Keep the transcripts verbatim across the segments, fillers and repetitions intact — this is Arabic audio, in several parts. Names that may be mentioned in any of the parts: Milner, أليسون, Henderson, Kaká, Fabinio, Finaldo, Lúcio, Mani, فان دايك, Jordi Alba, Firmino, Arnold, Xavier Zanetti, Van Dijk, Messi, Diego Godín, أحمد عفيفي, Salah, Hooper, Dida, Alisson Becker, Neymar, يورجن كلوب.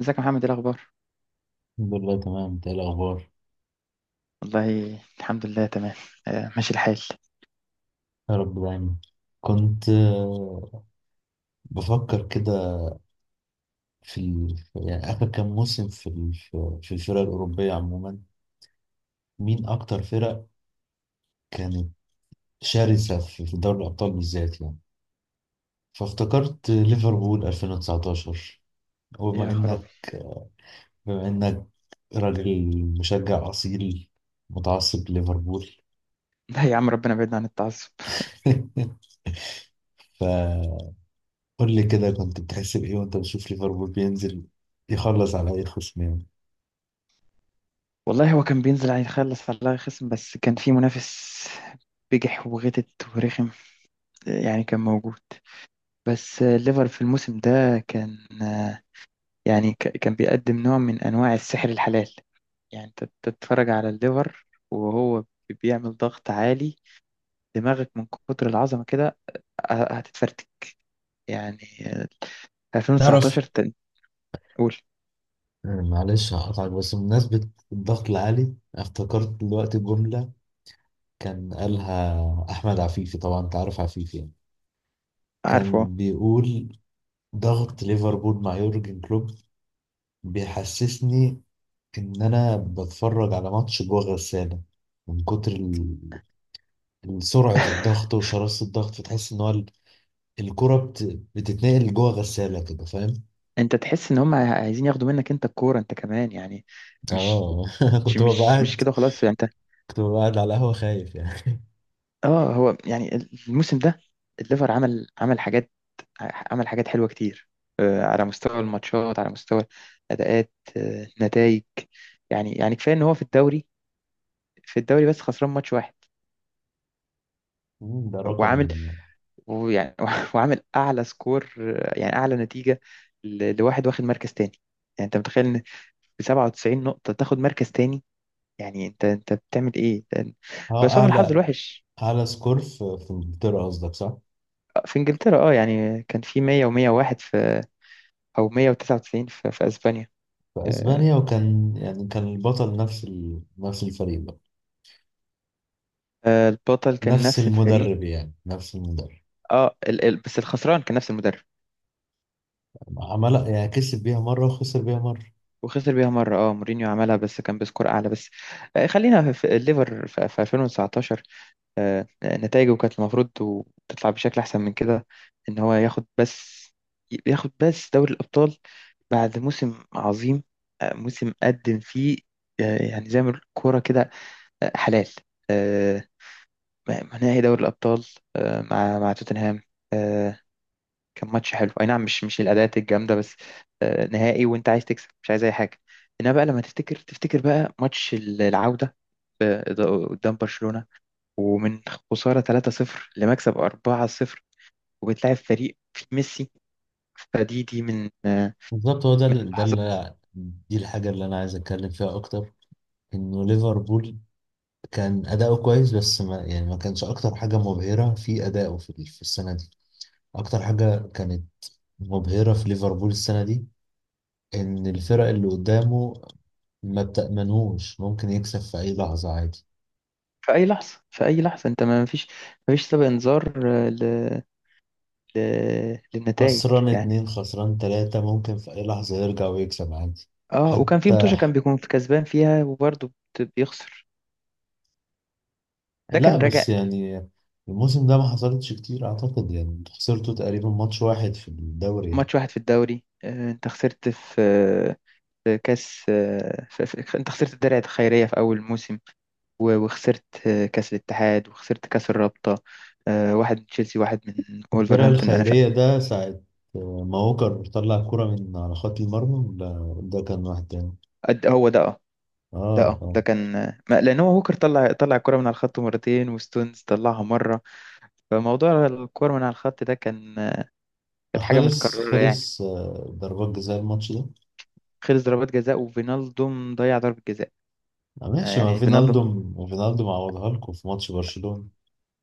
ازيك يا محمد؟ ايه الاخبار؟ الحمد لله، تمام. انت ايه الاخبار؟ والله الحمد لله تمام. آه، ماشي الحال. يا رب دايما. كنت آه، بفكر كده في ال- في- يعني اخر كام موسم في ال- في في الفرق الاوروبيه عموما، مين اكتر فرق كانت شرسه في في دوري الابطال بالذات يعني. فافتكرت ليفربول ألفين وتسعة عشر. وبما يا خرابي! انك بما انك راجل مشجع اصيل متعصب ليفربول. لا يا عم، ربنا يبعدنا عن التعصب. فقول لي كده، كنت بتحس بايه وانت بتشوف ليفربول بينزل يخلص على اي خصم يعني؟ والله هو كان بينزل على يخلص على الله خصم، بس كان في منافس بجح وغتت ورخم. آه، يعني كان موجود. بس آه، الليفر في الموسم ده كان آه، يعني ك- كان بيقدم نوع من انواع السحر الحلال. يعني انت تتفرج على الليفر وهو بيعمل ضغط عالي، دماغك من كتر العظمة كده آه، هتتفرتك يعني. آه، تعرف، ألفين وتسعتاشر تقول؟ معلش هقطعك بس بمناسبة الضغط العالي افتكرت دلوقتي جملة كان قالها أحمد عفيفي. طبعا أنت عارف عفيفي يعني. عارفه. كان بيقول ضغط ليفربول مع يورجن كلوب بيحسسني إن أنا بتفرج على ماتش جوه غسالة، من كتر ال- ال- سرعة الضغط وشراسة الضغط، فتحس إن هو ال- الكرة بت... بتتنقل جوه غسالة كده، فاهم؟ انت تحس ان هم عايزين ياخدوا منك انت الكوره انت كمان يعني. مش آه. مش كنت ببقى مش مش قاعد كده خلاص يعني انت. كنت ببقى قاعد على القهوة خايف يعني. اه هو يعني الموسم ده الليفر عمل عمل حاجات، عمل حاجات حلوه كتير. آه، على مستوى الماتشات، على مستوى اداءات، نتائج. يعني يعني كفايه ان هو في الدوري، في الدوري بس خسران ماتش واحد، مم، ده رقم. وعامل. ويعني وعامل اعلى سكور، آه، يعني اعلى نتيجه ل- لواحد واخد مركز تاني. يعني انت متخيل ان ب سبعة وتسعين نقطه تاخد مركز تاني؟ يعني انت انت بتعمل ايه ده- اه، بس هو من الحظ اعلى، الوحش. على سكور في في انجلترا قصدك، صح؟ في انجلترا اه، يعني كان في مية و101 في او مية وتسعة وتسعين في, في اسبانيا. في آه، اسبانيا، وكان يعني كان البطل نفس ال... نفس الفريق بقى. آه، البطل كان نفس نفس الفريق. المدرب، يعني نفس المدرب. اه ال... ال... بس الخسران كان نفس المدرب. عمل يعني كسب بيها مرة وخسر بيها مرة. وخسر بيها مرة. اه، مورينيو عملها بس كان بسكور اعلى بس. آه، خلينا في في الليفر في في ألفين وتسعتاشر. آه، نتائجه كانت المفروض و- تطلع بشكل أحسن من كده، إن هو ياخد بس، ياخد بس دوري الأبطال بعد موسم عظيم. آه، موسم قدم فيه آه، يعني زي ما بنقول كورة كده، آه، حلال. آه، مع- نهائي دوري الأبطال آه، مع مع توتنهام. آه، كان ماتش حلو أي نعم، مش مش الأداءات الجامدة بس. آه، نهائي وأنت عايز تكسب، مش عايز أي حاجة. إنما بقى لما تفتكر تفتكر بقى ماتش العودة، آه، قدام برشلونة، ومن خسارة ثلاثة صفر لمكسب أربعة صفر وبتلاعب فريق فيه ميسي. فدي دي من آه، بالظبط، هو ده من ال- ده اللحظات. اللي، دي الحاجة اللي أنا عايز أتكلم فيها أكتر. إنه ليفربول كان أداؤه كويس، بس ما يعني ما كانش أكتر حاجة مبهرة في أدائه في ال- في السنة دي. أكتر حاجة كانت مبهرة في ليفربول السنة دي إن الفرق اللي قدامه ما بتأمنوش، ممكن يكسب في أي لحظة عادي. في أي لحظة، في أي لحظة، أنت ما فيش، ما فيش سابق إنذار آه، ل... ل... للنتائج خسران يعني. اتنين، خسران تلاتة، ممكن في أي لحظة يرجع ويكسب عادي. اه وكان في حتى، متوشة كان بيكون في كسبان فيها وبرضه بت- بيخسر. ده لا، كان بس راجع. يعني الموسم ده ما حصلتش كتير، أعتقد يعني انتوا خسرتوا تقريبا ماتش واحد في الدوري يعني. ماتش واحد في الدوري. آه، انت خسرت في آه، في كاس آه، في... في... انت خسرت الدرع الخيرية في أول موسم، و- وخسرت آه، كأس الاتحاد، وخسرت كأس الرابطة. آه، واحد من تشيلسي، واحد من الدرع ولفرهامبتون. أنا ف... الخيرية ده ساعة آه، ما هوكر طلع كرة من على خط المرمى. لا، ده كان واحد تاني. قد- هو ده اه، اه، ده اه اه. ده كان آه، ما- لأن هو هوكر طلع، طلع الكرة من على الخط مرتين، وستونز طلعها مرة. فموضوع الكرة من على الخط ده كان آه، آه، كانت حاجة خلص، متكررة يعني. خلص، آه، ضربات جزاء الماتش ده. خلص ضربات جزاء وفينالدوم ضيع ضربة جزاء. آه، آه، ماشي. ما يعني فينالدوم فينالدو ما فينالدو معوضها لكم في ماتش برشلونة.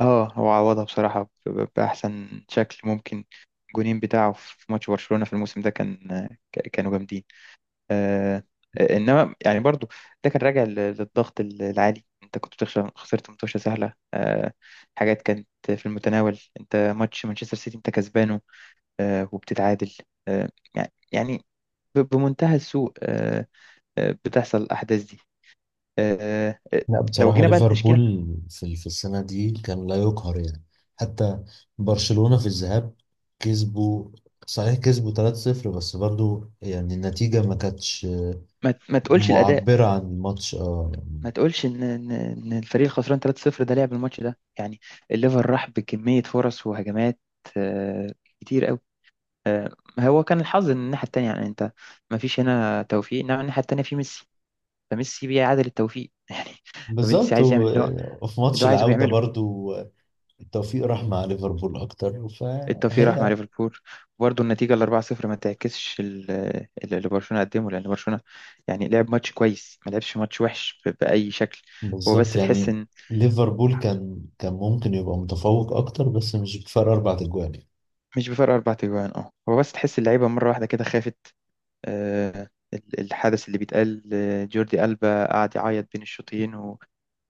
اه هو عوضها بصراحة ب- ب- بأحسن شكل ممكن. الجونين بتاعه في ماتش برشلونة في الموسم ده كان آه، ك- كانوا جامدين. آه، آه، انما يعني برضو ده كان راجع لل- للضغط ال- العالي. انت كنت بتخسر، خسرت متوشه سهله، آه، حاجات كانت في المتناول. انت ماتش مانشستر سيتي انت كسبانه، آه، وبتتعادل. آه، يع- يعني ب- بمنتهى السوء. آه، آه، بتحصل الاحداث دي. آه، آه، لا، لو بصراحة جينا بقى للتشكيله. ليفربول في في السنة دي كان لا يقهر يعني. حتى برشلونة في الذهاب كسبوا، صحيح كسبوا تلاتة صفر بس برضو يعني النتيجة ما كانتش ما ما تقولش الاداء، معبرة عن الماتش، اه يعني. ما تقولش ان ان إن الفريق الخسران تلاتة صفر ده لعب الماتش ده يعني. الليفر راح بكميه فرص وهجمات آه، كتير. آه، هو كان الحظ ان الناحيه التانيه، يعني انت ما فيش هنا توفيق، انما الناحيه التانيه في ميسي، فميسي بيعادل التوفيق يعني. فميسي بالظبط، عايز يعمل اللي هو، و- وفي اللي ماتش هو عايزه العودة بيعمله. برضو التوفيق راح مع ليفربول أكتر التوفيق راح مع فهي. ليفربول، وبرضه النتيجه ال أربعة صفر ما تعكسش ال- اللي اللي برشلونه قدمه، لان برشلونه يعني لعب ماتش كويس، ما لعبش ماتش وحش ب- باي شكل. هو بس بالظبط تحس يعني ان ليفربول كان كان ممكن يبقى متفوق أكتر بس مش بفرق أربع أجوال. مش بفرق اربع تجوان. اه هو بس تحس اللعيبه مره واحده كده خافت. آه، ال- الحدث اللي بيتقال آه، جوردي ألبا قعد يعيط بين الشوطين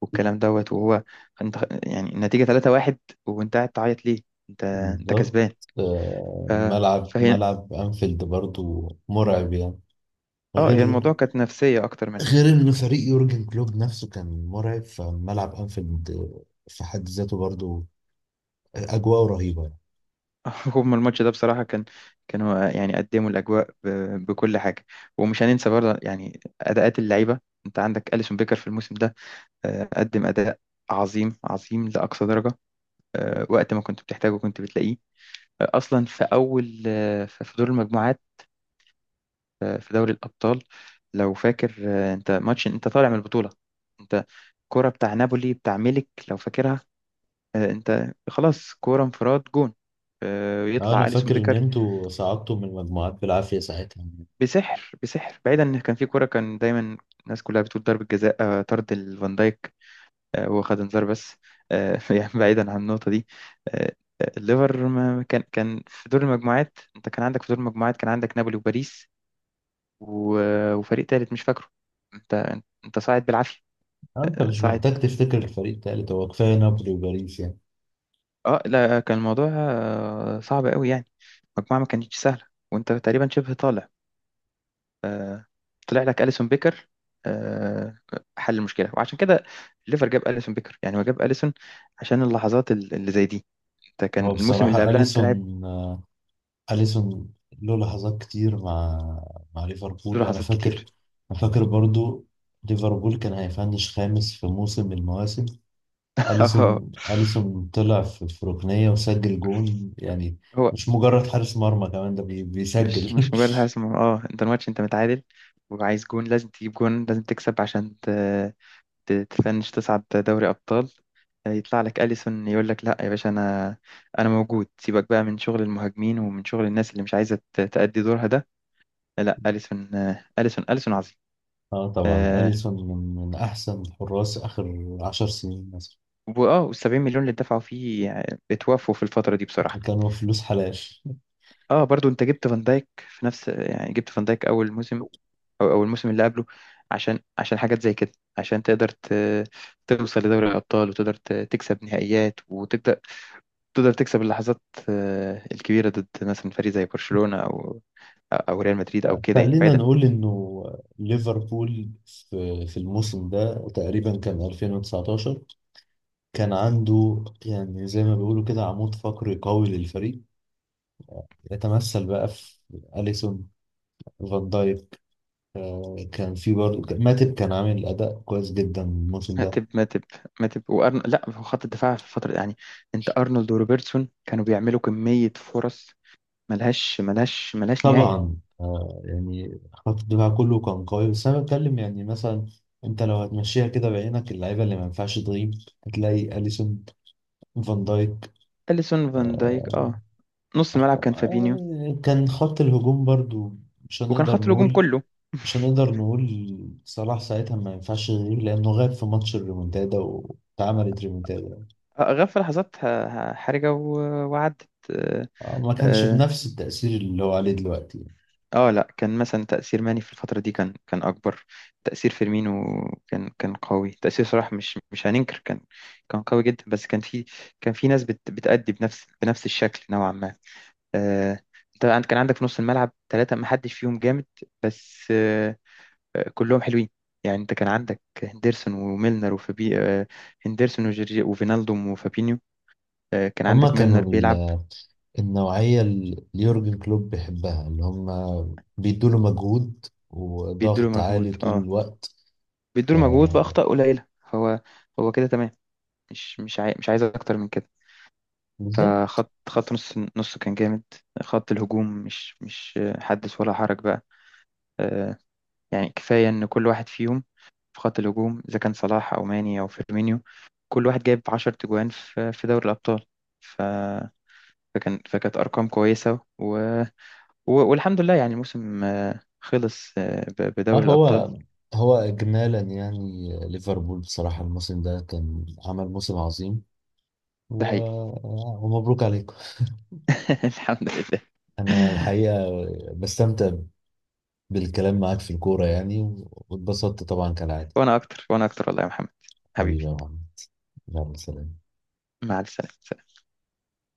والكلام دوت، وهو انت يعني النتيجة ثلاثة واحد وانت قاعد تعيط ليه؟ انت انت بالظبط. كسبان. آه، ف... ملعب فهي ملعب أنفيلد برضو مرعب يعني. اه، هي غير الموضوع كانت نفسية أكتر منها. غير إن فريق يورجن كلوب نفسه كان مرعب، فملعب أنفيلد في حد ذاته برضو أجواء رهيبة يعني. هم الماتش ده بصراحة كان، كانوا يعني قدموا الأجواء ب... بكل حاجة. ومش هننسى برضه يعني أداءات اللعيبة. انت عندك أليسون بيكر في الموسم ده آه، قدم أداء عظيم، عظيم لأقصى درجة. آه، وقت ما كنت بتحتاجه كنت بتلاقيه. آه، أصلا في أول آه، في في دور المجموعات في دوري الأبطال لو فاكر. آه، أنت ماتش أنت طالع من البطولة. أنت كرة بتاع نابولي بتاع ميلك لو فاكرها. آه، أنت خلاص كرة انفراد جون، آه، آه، أنا يطلع أليسون فاكر إن بيكر. أنتوا صعدتوا من المجموعات بالعافية ساعتها يعني. بسحر، بسحر. بعيدا إن كان في كرة كان دايما الناس كلها بتقول ضربة جزاء، آه، طرد الفان دايك. آه، هو خد انذار بس. آه، يعني بعيدا عن النقطة دي. آه، آه، الليفر ما كان، كان في دور المجموعات، أنت كان عندك في دور المجموعات كان عندك نابولي وباريس، و- آه، وفريق تالت مش فاكره. أنت أنت صاعد بالعافية. آه، أنت مش ساعد. محتاج تفتكر الفريق التالت، هو كفاية نابولي وباريس يعني. اه لا كان الموضوع آه، صعب قوي يعني. المجموعة ما كانتش سهلة وانت تقريبا شبه طالع، طلع لك أليسون بيكر. آه، حل المشكلة. وعشان كده ليفر جاب أليسون بيكر. يعني هو جاب أليسون عشان اللحظات ال- اللي زي دي. انت كان هو الموسم اللي بصراحة قبلها انت لاعب. أليسون أليسون له لحظات كتير مع مع له ليفربول، أنا لحظات كتير. فاكر. أنا فاكر برضو ليفربول كان هيفنش خامس في موسم من المواسم. اه أليسون أليسون طلع في في ركنية وسجل جون يعني. هو مش مجرد حارس مرمى كمان، ده بي- مش بيسجل. مش مجرد حارس مرمى. اه انت الماتش انت متعادل وعايز جون، لازم تجيب جون، لازم تكسب عشان ت- تفنش تصعد دوري أبطال. يطلع لك أليسون يقول لك لا يا باشا، أنا أنا موجود. سيبك بقى من شغل المهاجمين ومن شغل الناس اللي مش عايزة ت- تأدي دورها ده. لا أليسون، أليسون أليسون عظيم. اه، طبعا آه، أليسون من من أحسن حراس آخر عشر سنين مثلا. وآه والسبعين مليون اللي دفعوا فيه آه، اتوافوا في الفترة دي بصراحة. كانوا فلوس حلال. اه برضو انت جبت فان دايك في نفس، يعني جبت فان دايك اول موسم او اول موسم اللي قبله عشان، عشان حاجات زي كده، عشان تقدر ت- توصل لدوري الابطال، وتقدر ت- تكسب نهائيات، وتقدر، تقدر تكسب اللحظات آه، الكبيرة ضد مثلا فريق زي برشلونة أو أو ريال مدريد أو كده يعني خلينا بعيدا. نقول إنه ليفربول في في الموسم ده تقريبا كان ألفين وتسعتاشر، كان عنده يعني زي ما بيقولوا كده عمود فقري قوي للفريق، يتمثل بقى في أليسون، فان دايك، آه، كان في برضه ماتب كان عامل أداء كويس جدا الموسم ده. ماتب ماتب، ماتب وأرن... لا هو خط الدفاع في الفترة دي، يعني أنت أرنولد وروبرتسون كانوا بيعملوا كمية فرص ملهاش ملهاش ملهاش نهاية. طبعا آه، يعني خط الدفاع كله كان قوي، بس أنا بتكلم يعني مثلا أنت لو هتمشيها كده بعينك اللعيبة اللي ما ينفعش تغيب هتلاقي أليسون، فان دايك. أليسون، فان آه، دايك اه، نص الملعب كان فابينيو. آه، كان خط الهجوم برضه مش وكان هنقدر خط الهجوم نقول كله مش هنقدر نقول صلاح ساعتها ما ينفعش يغيب، لأنه غاب في ماتش الريمونتادا واتعملت ريمونتادا يعني. آه، غاب في لحظات ح- ح- حرجة و- وعدت آه، آه، ما كانش آه، بنفس التأثير اللي هو عليه دلوقتي يعني. اه لا كان مثلا تأثير ماني في الفترة دي كان كان أكبر. تأثير فيرمينو كان كان قوي. تأثير صلاح مش مش هننكر كان، كان قوي جدا، بس كان في، كان في ناس بت بتأدي بنفس، بنفس الشكل نوعا ما. آه، انت عند- كان عندك في نص الملعب ثلاثة ما حدش فيهم جامد، بس آه آه، كلهم حلوين. يعني انت كان عندك هندرسون وميلنر وفابي آه، هندرسون وجورجي وفينالدوم وفابينيو. آه كان هما عندك كانوا ميلنر بيلعب، ال- النوعية اللي يورجن كلوب بيحبها، اللي هما بيدوله مجهود بيدوله وضغط عالي مجهود طول اه، الوقت. ف بيدوله مجهود بأخطاء قليلة. هو، هو كده تمام، مش مش عاي... مش عايز اكتر من كده. بالظبط. فخط، خط نص، نص كان جامد. خط الهجوم مش مش حدث ولا حرج بقى. آه، يعني كفاية ان كل واحد فيهم في خط الهجوم اذا كان صلاح او ماني او فيرمينيو، كل واحد جايب عشرة تجوان في في دوري الابطال. ف... فكان، فكانت ارقام كويسة و... و... والحمد لله. يعني الموسم آه، خلص آه، ب... اه، بدوري هو الابطال. هو إجمالا يعني ليفربول بصراحة الموسم ده كان عمل موسم عظيم، ده و... حقيقي. آه، ومبروك عليكم. الحمد لله. أنا الحقيقة بستمتع بالكلام معاك في الكورة يعني، و- واتبسطت طبعا كالعادة. وانا اكتر، وانا اكتر والله يا محمد. حبيبي. حبيبي يا محمد، يلا، سلام. مع السلامة.